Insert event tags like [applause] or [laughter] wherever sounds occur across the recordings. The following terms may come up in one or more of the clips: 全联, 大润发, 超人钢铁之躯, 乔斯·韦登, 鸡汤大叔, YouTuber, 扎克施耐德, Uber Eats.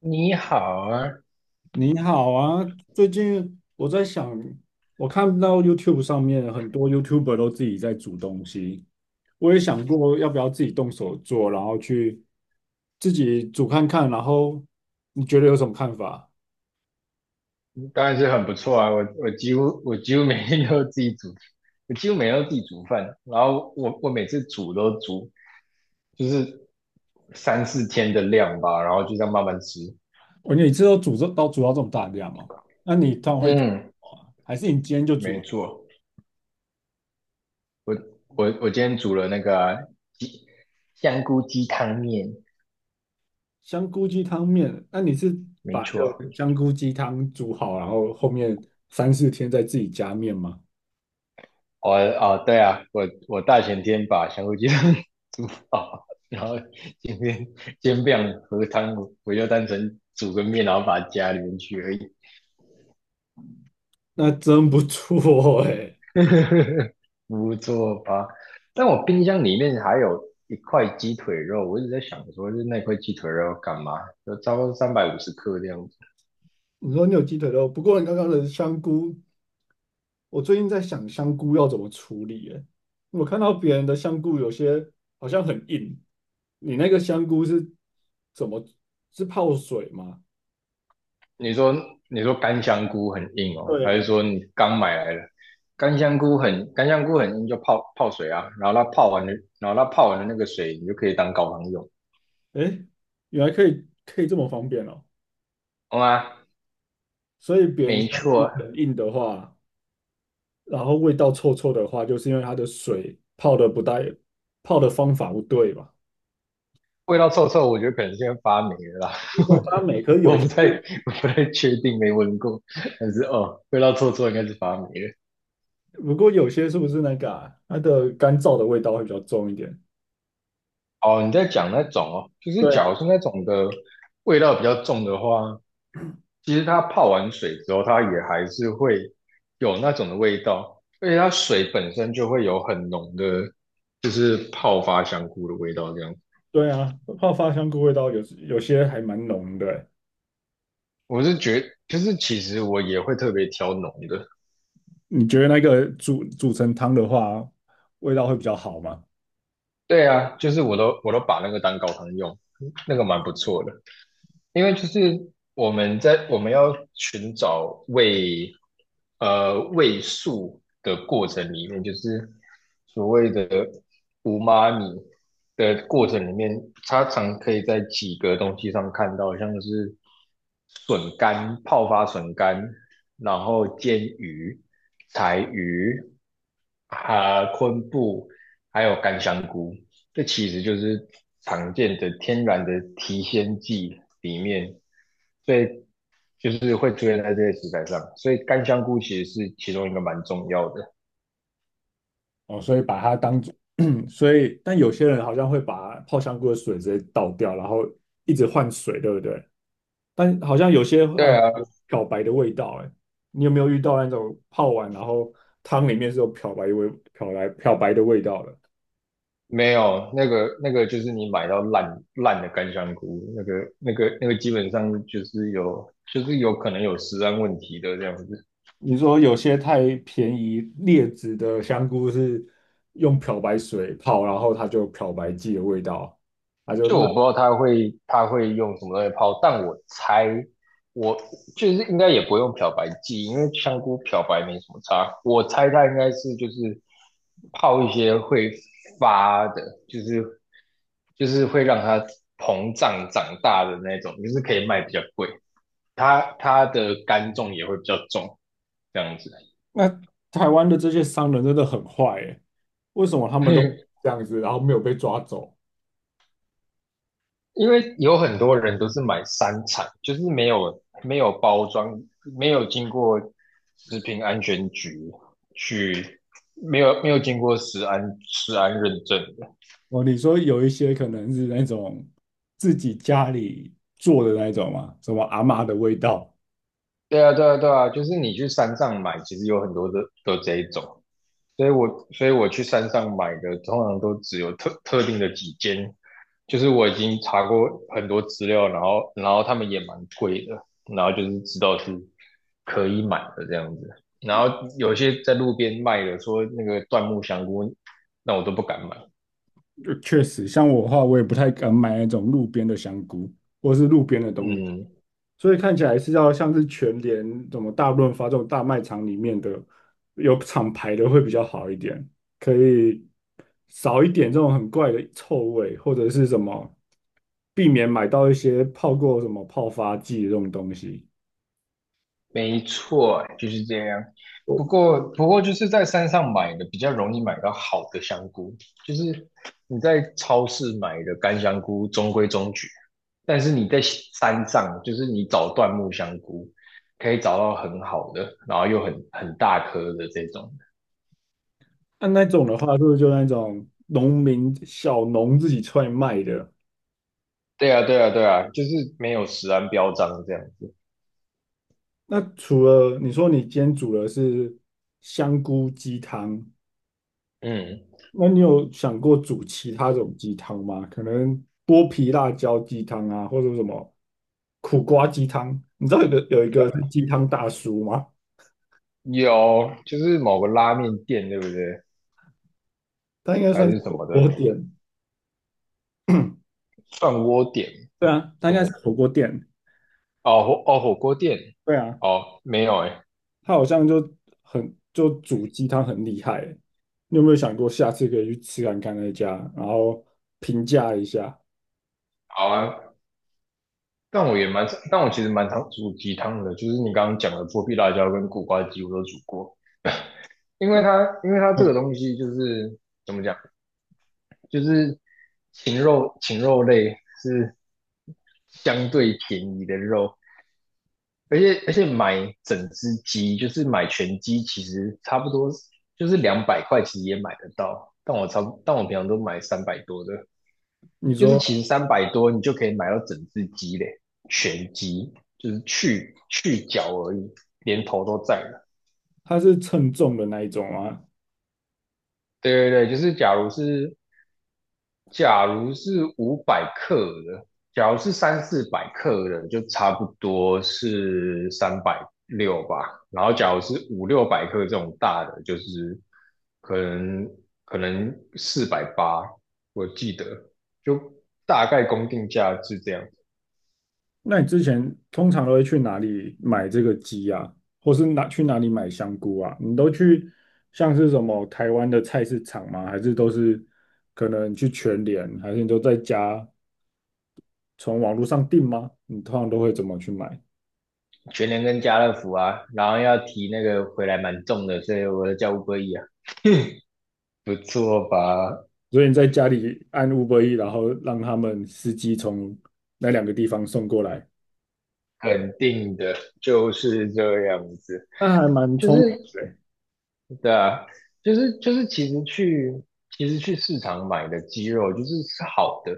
你好啊，你好啊，最近我在想，我看到 YouTube 上面很多 YouTuber 都自己在煮东西，我也想过要不要自己动手做，然后去自己煮看看，然后你觉得有什么看法？当然是很不错啊。我几乎每天都自己煮，我几乎每天都自己煮饭。然后我每次煮都煮就是三四天的量吧，然后就这样慢慢吃。你每次都煮到这么大量哦，那你通常会煮什嗯，么啊还是你今天就煮没了错。我我今天煮了那个啊鸡香菇鸡汤面，香菇鸡汤面？那你是没把一错。个香菇鸡汤煮好，然后后面3、4天再自己加面吗？对啊，我大前天把香菇鸡汤 [laughs] 煮好，然后今天煎饼和汤，我就单纯煮个面，然后把它加里面去而已。那真不错哎。[laughs] 不错吧？但我冰箱里面还有一块鸡腿肉，我一直在想说，就是那块鸡腿肉要干嘛？就差不多350克这样子。你说你有鸡腿肉，不过你刚刚的香菇，我最近在想香菇要怎么处理耶。我看到别人的香菇有些好像很硬，你那个香菇是怎么是泡水吗？你说干香菇很硬哦，对还是啊，说你刚买来的干香菇很硬就泡泡水啊，然后它泡完的那个水你就可以当高汤用，诶，原来可以这么方便哦。好吗？所以别人没香菇错，很硬的话，然后味道臭臭的话，就是因为它的水泡的不带，泡的方法不对吧？味道臭臭，我觉得可能是因为发霉了啦。它每颗 [laughs] 我有些，不太我不太确定，没闻过，但是哦，味道臭臭应该是发霉了。不过有些是不是那个啊，它的干燥的味道会比较重一点？哦，你在讲那种哦，就是对假啊，如是那种的味道比较重的话，其实它泡完水之后，它也还是会有那种的味道，而且它水本身就会有很浓的，就是泡发香菇的味道。这样，对啊，泡发香菇味道有些还蛮浓的欸。我是觉就是其实我也会特别挑浓的。你觉得那个煮成汤的话，味道会比较好吗？对啊，就是我都把那个当高汤用，那个蛮不错的。因为就是我们要寻找味素的过程里面，就是所谓的无妈咪的过程里面，它常可以在几个东西上看到，像是笋干、泡发笋干，然后煎鱼、柴鱼、昆布，还有干香菇。这其实就是常见的天然的提鲜剂里面，所以就是会出现在这些食材上，所以干香菇其实是其中一个蛮重要的。哦，所以把它当做，[clears throat] 所以但有些人好像会把泡香菇的水直接倒掉，然后一直换水，对不对？但好像有些爱对啊，漂白的味道，哎，你有没有遇到那种泡完然后汤里面是有漂白味、漂白的味道的？没有那个就是你买到烂烂的干香菇，那个基本上就是有可能有食安问题的这样子。你说有些太便宜劣质的香菇是用漂白水泡，然后它就有漂白剂的味道，它就就我不烂。知道他会用什么东西泡，但我猜我就是应该也不用漂白剂，因为香菇漂白没什么差。我猜他应该是就是泡一些会发的，就是就是会让它膨胀长大的那种，就是可以卖比较贵。它的干重也会比较重，这样子。那台湾的这些商人真的很坏诶，为什么他们都 [laughs] 这样子，然后没有被抓走？因为有很多人都是买三产，就是没有包装，没有经过食品安全局去，没有经过食安认证的。哦，你说有一些可能是那种自己家里做的那种嘛，什么阿嬷的味道，对啊，对啊，对啊，就是你去山上买，其实有很多的都这一种。所以我去山上买的，通常都只有特定的几间，就是我已经查过很多资料，然后他们也蛮贵的，然后就是知道是可以买的这样子，然后有些在路边卖的，说那个椴木香菇，那我都不敢买。就确实，像我的话，我也不太敢买那种路边的香菇或是路边的东西。嗯，所以看起来是要像是全联、什么大润发这种大卖场里面的有厂牌的会比较好一点，可以少一点这种很怪的臭味，或者是什么避免买到一些泡过什么泡发剂这种东西。没错，就是这样。哦，不过就是在山上买的比较容易买到好的香菇，就是你在超市买的干香菇中规中矩，但是你在山上，就是你找椴木香菇，可以找到很好的，然后又很大颗的这种。那种的话，是不是就那种农民小农自己出来卖的？对啊，对啊，对啊，就是没有食安标章这样子。那除了你说你今天煮的是香菇鸡汤，嗯，那你有想过煮其他种鸡汤吗？可能剥皮辣椒鸡汤啊，或者什么苦瓜鸡汤？你知道鸡汤大叔吗？有，就是某个拉面店，对不对？他应该还算是是什火么的锅店，涮锅店，对啊，他应什该是么火锅店，哦火哦火锅店。对啊，哦，没有哎。他好像就煮鸡汤很厉害欸。你有没有想过下次可以去吃看看那家，然后评价一下？好啊，但我其实蛮常煮鸡汤的，就是你刚刚讲的剥皮辣椒跟苦瓜鸡我都煮过，因为它这嗯，个东西就是怎么讲，就是禽肉类是相对便宜的肉，而且买整只鸡就是买全鸡，其实差不多就是200块，其实也买得到，但我差不但我平常都买三百多的。你就是说其实三百多你就可以买到整只鸡嘞，全鸡，就是去脚而已，连头都在了。他是称重的那一种吗？对对对，就是假如是500克的，假如是三四百克的，就差不多是360吧。然后假如是五六百克这种大的，就是可能可能480，我记得就大概公定价是这样。那你之前通常都会去哪里买这个鸡啊，或是去哪里买香菇啊？你都去像是什么台湾的菜市场吗？还是都是可能去全联，还是你都在家从网络上订吗？你通常都会怎么去买？全联跟家乐福啊，然后要提那个回来蛮重的，所以我就叫 u b e 啊。[laughs] 不错吧？所以你在家里按 Uber E，然后让他们司机从那两个地方送过来，肯定的，就是这样子。那还蛮就聪明是的欸。对啊，就是，其实去市场买的鸡肉就是是好的，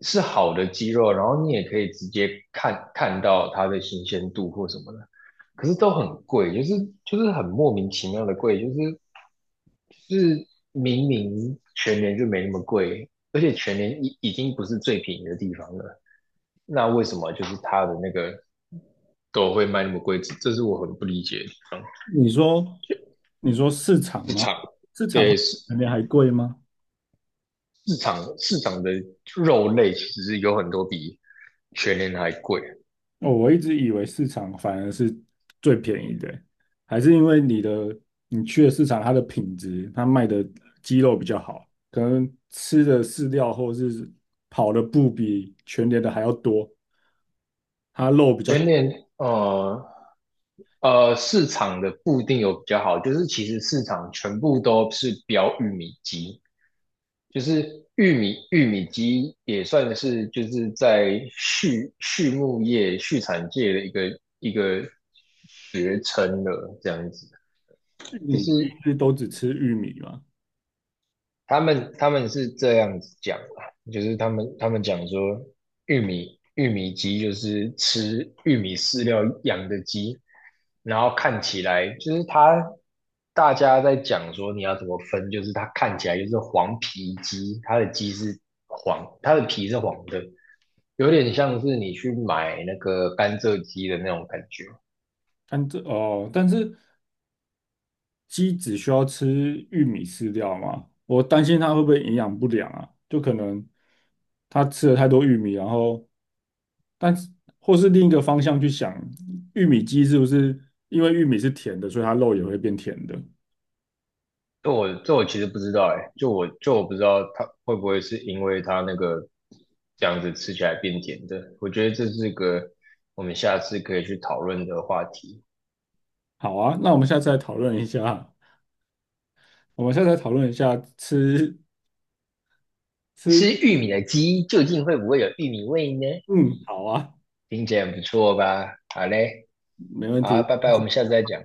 是好的鸡肉，然后你也可以直接看到它的新鲜度或什么的，可是都很贵，就是很莫名其妙的贵，就是明明全年就没那么贵，而且全年已经不是最便宜的地方了，那为什么就是它的那个都会卖那么贵？这是我很不理解的地方。你说，你说市场市吗？场市场会对，比市全联还贵吗？市场市场的肉类其实有很多比全年还贵。哦，我一直以为市场反而是最便宜的欸。还是因为你去的市场，它的品质，它卖的鸡肉比较好，可能吃的饲料或是跑的步比全年的还要多，它肉比较全年呃市场的不一定有比较好，就是其实市场全部都是标玉米鸡，就是玉米鸡也算是就是在畜牧业畜产界的一个学称了，这样子。玉就米，玉是米都只吃玉米嘛。他们是这样子讲的，就是他们讲说，玉米鸡就是吃玉米饲料养的鸡，然后看起来就是它，大家在讲说你要怎么分，就是它看起来就是黄皮鸡，它的鸡是黄，它的皮是黄的，有点像是你去买那个甘蔗鸡的那种感觉。但这哦，但是鸡只需要吃玉米饲料吗？我担心它会不会营养不良啊？就可能它吃了太多玉米，然后，但是或是另一个方向去想，玉米鸡是不是因为玉米是甜的，所以它肉也会变甜的？这我其实不知道哎，就我不知道它会不会是因为它那个这样子吃起来变甜的，我觉得这是个我们下次可以去讨论的话题。好啊，那我们下次来讨论一下，我们下次来讨论一下吃吃吃，玉米的鸡究竟会不会有玉米味呢？嗯，好啊，听起来很不错吧？好嘞，没问好啊题。拜拜，我们下次再讲。